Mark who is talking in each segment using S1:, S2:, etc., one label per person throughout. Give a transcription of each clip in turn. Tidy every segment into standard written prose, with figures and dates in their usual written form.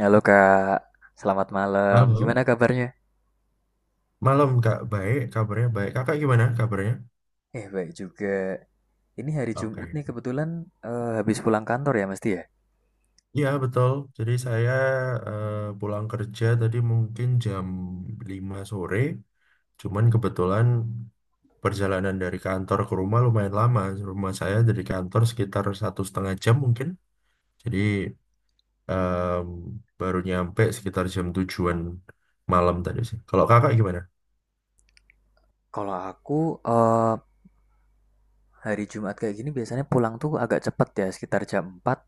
S1: Halo Kak, selamat malam.
S2: Halo,
S1: Gimana kabarnya?
S2: malam Kak. Baik, kabarnya baik. Kakak gimana kabarnya?
S1: Baik juga. Ini hari Jumat nih
S2: Oke.
S1: kebetulan habis pulang kantor ya mesti ya.
S2: Iya, betul. Jadi saya eh, pulang kerja tadi mungkin jam 5 sore. Cuman kebetulan perjalanan dari kantor ke rumah lumayan lama. Rumah saya dari kantor sekitar satu setengah jam mungkin. Jadi em, baru nyampe sekitar jam tujuan malam tadi sih. Kalau kakak gimana?
S1: Kalau aku hari Jumat kayak gini biasanya pulang tuh agak cepet ya, sekitar jam 4.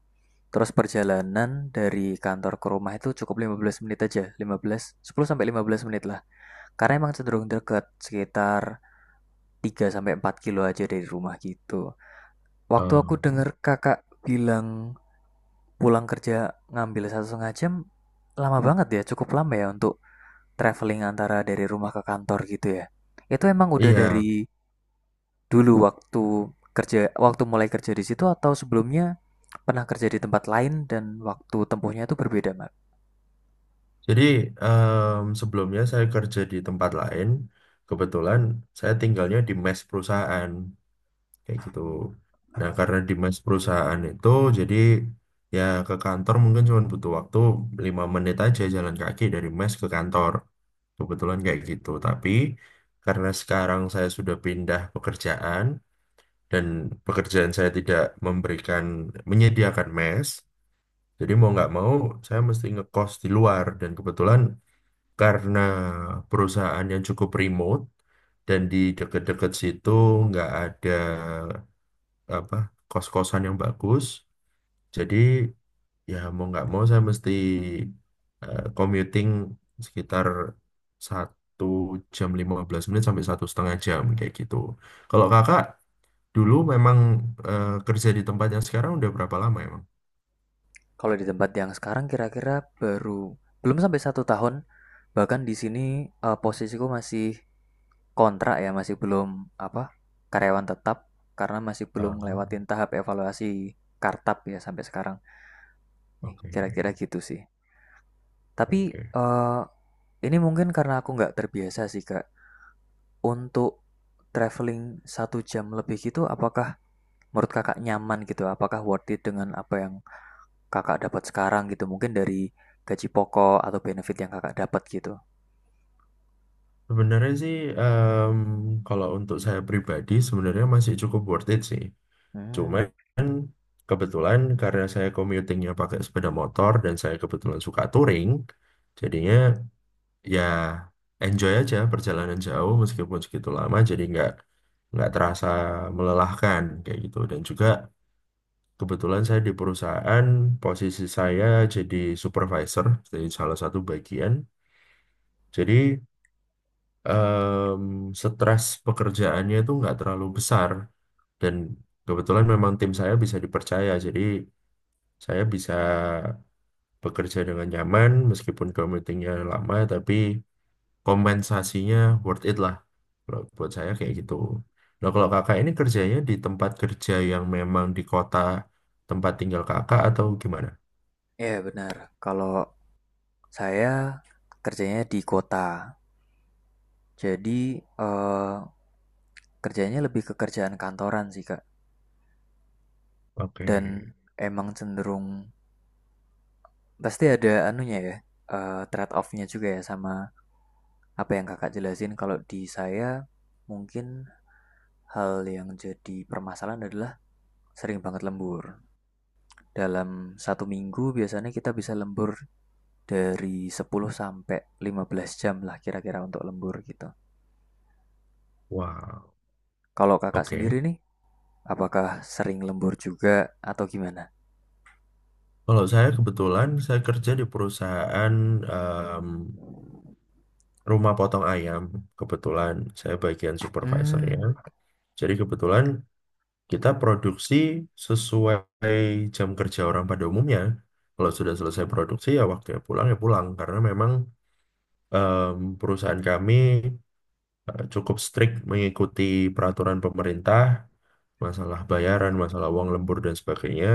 S1: Terus perjalanan dari kantor ke rumah itu cukup 15 menit aja. 15, 10 sampai 15 menit lah. Karena emang cenderung deket, sekitar 3 sampai 4 kilo aja dari rumah gitu. Waktu aku denger kakak bilang pulang kerja ngambil satu setengah jam, lama banget ya, cukup lama ya untuk traveling antara dari rumah ke kantor gitu ya. Itu emang udah
S2: Iya.
S1: dari dulu waktu kerja, waktu mulai kerja di situ, atau sebelumnya pernah kerja di tempat lain dan waktu tempuhnya itu berbeda, Mas?
S2: Jadi sebelumnya saya kerja di tempat lain. Kebetulan saya tinggalnya di mes perusahaan kayak gitu. Nah, karena di mes perusahaan itu jadi ya ke kantor mungkin cuma butuh waktu 5 menit aja jalan kaki dari mes ke kantor. Kebetulan kayak gitu. Tapi karena sekarang saya sudah pindah pekerjaan dan pekerjaan saya tidak memberikan menyediakan mes, jadi mau nggak mau saya mesti ngekos di luar dan kebetulan karena perusahaan yang cukup remote dan di deket-deket situ nggak ada apa kos-kosan yang bagus. Jadi ya mau nggak mau saya mesti commuting sekitar satu jam 15 menit sampai satu setengah jam kayak gitu. Kalau kakak dulu memang kerja di tempat yang sekarang udah berapa lama emang?
S1: Kalau di tempat yang sekarang kira-kira baru belum sampai satu tahun, bahkan di sini posisiku masih kontrak ya, masih belum apa, karyawan tetap karena masih
S2: Ah,
S1: belum ngelewatin tahap evaluasi kartap ya sampai sekarang. Nih,
S2: oke,
S1: kira-kira gitu sih. Tapi
S2: oke.
S1: ini mungkin karena aku nggak terbiasa sih kak untuk traveling satu jam lebih gitu. Apakah menurut kakak nyaman gitu? Apakah worth it dengan apa yang Kakak dapat sekarang gitu, mungkin dari gaji pokok atau benefit yang Kakak dapat gitu?
S2: Sebenarnya sih em, kalau untuk saya pribadi sebenarnya masih cukup worth it sih.
S1: Mmm,
S2: Cuman kebetulan karena saya commutingnya pakai sepeda motor dan saya kebetulan suka touring, jadinya ya enjoy aja perjalanan jauh meskipun segitu lama jadi nggak terasa melelahkan kayak gitu. Dan juga kebetulan saya di perusahaan posisi saya jadi supervisor, jadi salah satu bagian. Jadi em, stres pekerjaannya itu nggak terlalu besar dan kebetulan memang tim saya bisa dipercaya jadi saya bisa bekerja dengan nyaman meskipun commutingnya lama tapi kompensasinya worth it lah kalau buat saya kayak gitu. Nah kalau kakak ini kerjanya di tempat kerja yang memang di kota tempat tinggal kakak atau gimana?
S1: iya benar. Kalau saya kerjanya di kota, jadi, eee, kerjanya lebih ke kerjaan kantoran sih, Kak,
S2: Oke,
S1: dan emang cenderung pasti ada anunya ya, trade off-nya juga ya sama apa yang Kakak jelasin. Kalau di saya mungkin hal yang jadi permasalahan adalah sering banget lembur. Dalam satu minggu biasanya kita bisa lembur dari 10 sampai 15 jam lah kira-kira untuk lembur gitu.
S2: wow,
S1: Kalau kakak
S2: oke.
S1: sendiri nih, apakah sering lembur juga atau gimana?
S2: Kalau saya kebetulan saya kerja di perusahaan rumah potong ayam. Kebetulan saya bagian supervisornya.
S1: Hmm,
S2: Jadi kebetulan kita produksi sesuai jam kerja orang pada umumnya. Kalau sudah selesai produksi ya waktunya pulang ya pulang karena memang perusahaan kami cukup strict mengikuti peraturan pemerintah masalah bayaran, masalah uang lembur dan sebagainya.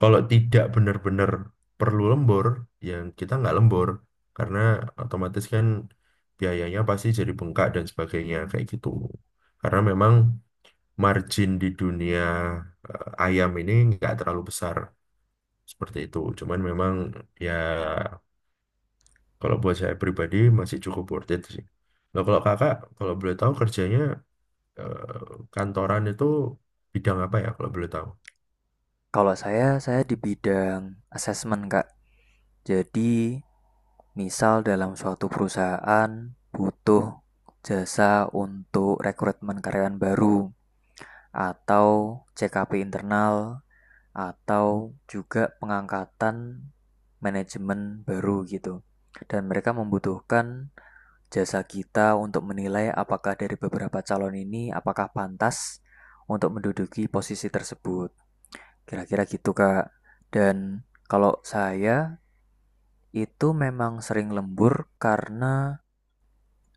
S2: Kalau tidak benar-benar perlu lembur, ya kita nggak lembur. Karena otomatis kan biayanya pasti jadi bengkak dan sebagainya, kayak gitu. Karena memang margin di dunia ayam ini nggak terlalu besar, seperti itu. Cuman memang ya kalau buat saya pribadi masih cukup worth it sih. Nah, kalau kakak, kalau boleh tahu kerjanya kantoran itu bidang apa ya kalau boleh tahu?
S1: kalau saya di bidang assessment kak. Jadi, misal dalam suatu perusahaan butuh jasa untuk rekrutmen karyawan baru atau CKP internal atau juga pengangkatan manajemen baru gitu. Dan mereka membutuhkan jasa kita untuk menilai apakah dari beberapa calon ini apakah pantas untuk menduduki posisi tersebut. Kira-kira gitu, Kak. Dan kalau saya itu memang sering lembur karena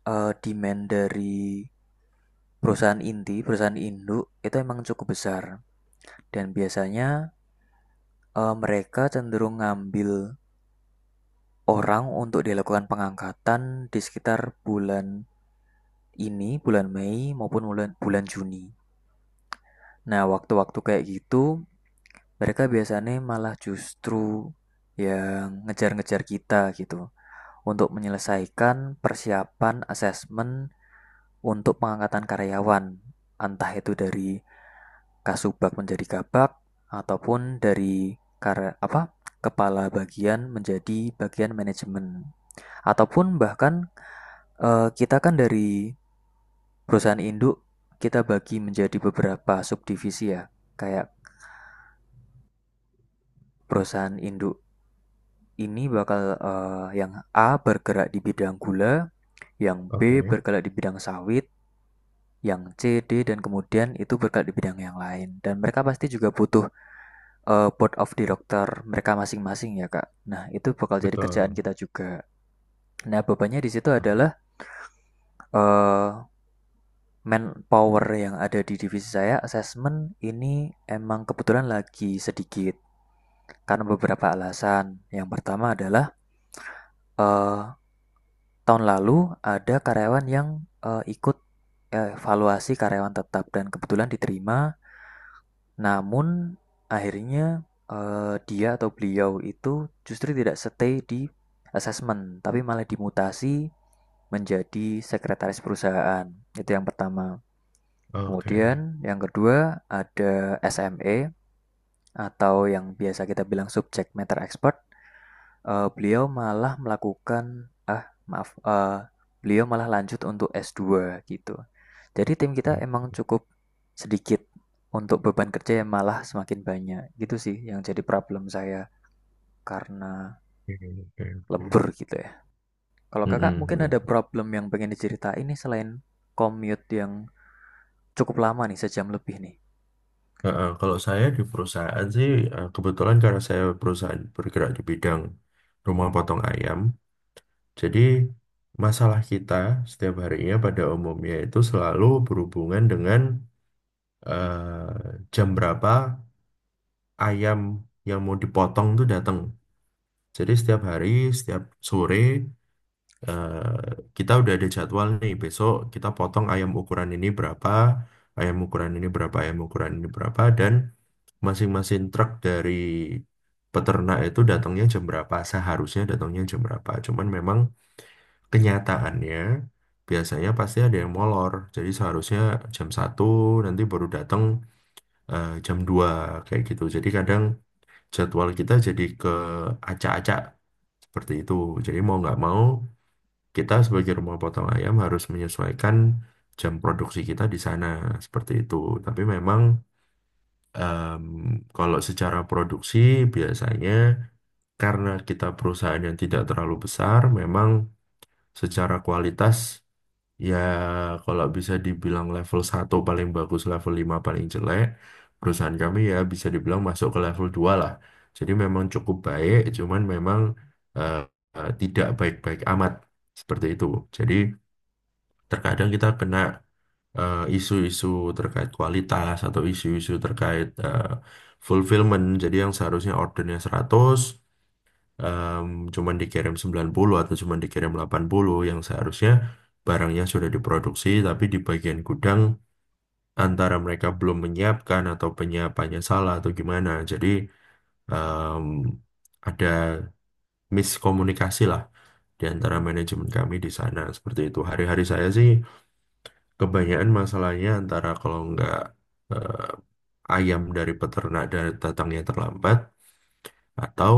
S1: demand dari perusahaan inti, perusahaan induk itu emang cukup besar, dan biasanya mereka cenderung ngambil orang untuk dilakukan pengangkatan di sekitar bulan ini, bulan Mei maupun bulan bulan Juni. Nah, waktu-waktu kayak gitu, mereka biasanya malah justru yang ngejar-ngejar kita gitu untuk menyelesaikan persiapan asesmen untuk pengangkatan karyawan, entah itu dari kasubag menjadi kabag, ataupun dari kar apa kepala bagian menjadi bagian manajemen, ataupun bahkan kita kan dari perusahaan induk kita bagi menjadi beberapa subdivisi ya, kayak perusahaan induk ini bakal, yang A bergerak di bidang gula, yang B
S2: Oke,
S1: bergerak di bidang sawit, yang C, D, dan kemudian itu bergerak di bidang yang lain. Dan mereka pasti juga butuh, board of director mereka masing-masing ya, Kak. Nah, itu bakal jadi kerjaan
S2: betul.
S1: kita juga. Nah, bebannya di situ adalah, eee, manpower yang ada di divisi saya, Assessment ini emang kebetulan lagi sedikit karena beberapa alasan. Yang pertama adalah, eee, tahun lalu ada karyawan yang, ikut evaluasi karyawan tetap dan kebetulan diterima, namun akhirnya dia atau beliau itu justru tidak stay di assessment, tapi malah dimutasi menjadi sekretaris perusahaan. Itu yang pertama.
S2: Oke,
S1: Kemudian yang kedua ada SME atau yang biasa kita bilang subject matter expert. Beliau malah melakukan ah maaf beliau malah lanjut untuk s dua gitu. Jadi tim kita emang cukup sedikit untuk beban kerja yang malah semakin banyak. Gitu sih yang jadi problem saya karena
S2: oke, oke. Oke.
S1: lembur gitu ya. Kalau kakak
S2: Mm-mm,
S1: mungkin ada
S2: mm-mm.
S1: problem yang pengen diceritain nih, selain commute yang cukup lama nih, sejam lebih nih.
S2: Nah, kalau saya di perusahaan sih kebetulan karena saya perusahaan bergerak di bidang rumah potong ayam, jadi masalah kita setiap harinya pada umumnya itu selalu berhubungan dengan jam berapa ayam yang mau dipotong itu datang. Jadi setiap hari, setiap sore eh, kita udah ada jadwal nih besok kita potong ayam ukuran ini berapa ayam ukuran ini berapa ayam ukuran ini berapa dan masing-masing truk dari peternak itu datangnya jam berapa seharusnya datangnya jam berapa cuman memang kenyataannya biasanya pasti ada yang molor. Jadi seharusnya jam 1 nanti baru datang jam 2 kayak gitu. Jadi kadang jadwal kita jadi ke acak-acak seperti itu. Jadi mau nggak mau kita sebagai rumah potong ayam harus menyesuaikan jam produksi kita di sana seperti itu. Tapi memang em, kalau secara produksi biasanya karena kita perusahaan yang tidak terlalu besar, memang secara kualitas ya kalau bisa dibilang level satu paling bagus, level 5 paling jelek, perusahaan kami ya bisa dibilang masuk ke level 2 lah. Jadi memang cukup baik, cuman memang eh, tidak baik-baik amat seperti itu. Jadi terkadang kita kena isu-isu terkait kualitas atau isu-isu terkait fulfillment. Jadi yang seharusnya ordernya 100, em, cuman dikirim 90 atau cuman dikirim 80 yang seharusnya barangnya sudah diproduksi tapi di bagian gudang antara mereka belum menyiapkan atau penyiapannya salah atau gimana. Jadi em, ada miskomunikasi lah di antara manajemen kami di sana. Seperti itu. Hari-hari saya sih kebanyakan masalahnya antara kalau nggak ayam dari peternak dan datangnya terlambat atau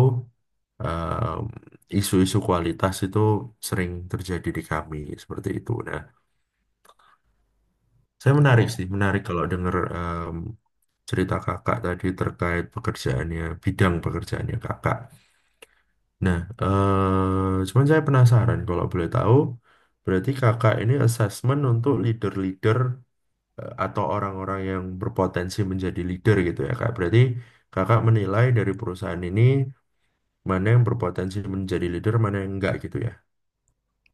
S2: em, isu-isu kualitas itu sering terjadi di kami seperti itu. Nah, saya menarik
S1: Oh
S2: sih, menarik kalau dengar cerita kakak tadi terkait pekerjaannya, bidang pekerjaannya kakak. Nah, cuman saya penasaran kalau boleh tahu, berarti kakak ini assessment untuk leader-leader atau orang-orang yang berpotensi menjadi leader gitu ya kak. Berarti kakak menilai dari perusahaan ini mana yang berpotensi menjadi leader, mana yang enggak gitu ya.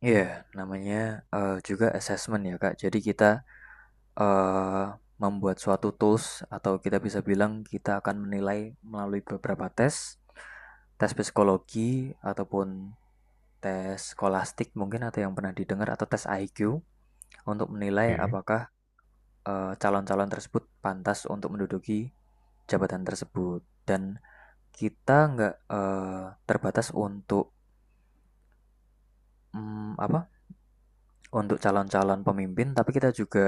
S1: iya yeah, namanya juga assessment ya kak. Jadi kita eh, membuat suatu tools atau kita bisa bilang kita akan menilai melalui beberapa tes, tes psikologi ataupun tes skolastik mungkin atau yang pernah didengar atau tes IQ untuk menilai apakah calon-calon tersebut pantas untuk menduduki jabatan tersebut, dan kita nggak eh, terbatas untuk mm, apa untuk calon-calon pemimpin, tapi kita juga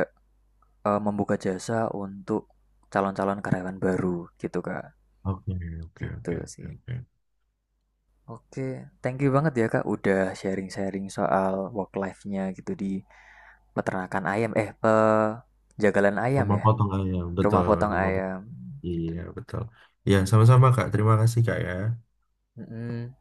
S1: membuka jasa untuk calon-calon karyawan baru gitu kak.
S2: Oke, oke,
S1: Gitu
S2: oke,
S1: sih.
S2: oke, oke. Oke.
S1: Oke, thank you banget ya Kak udah sharing-sharing soal work life-nya gitu di peternakan ayam, eh, penjagalan ayam
S2: Rumah
S1: ya,
S2: potong ayam,
S1: rumah
S2: betul.
S1: potong
S2: Rumah potong.
S1: ayam.
S2: Iya, betul. Ya, sama-sama kak. Terima kasih kak ya.
S1: Mm-mm.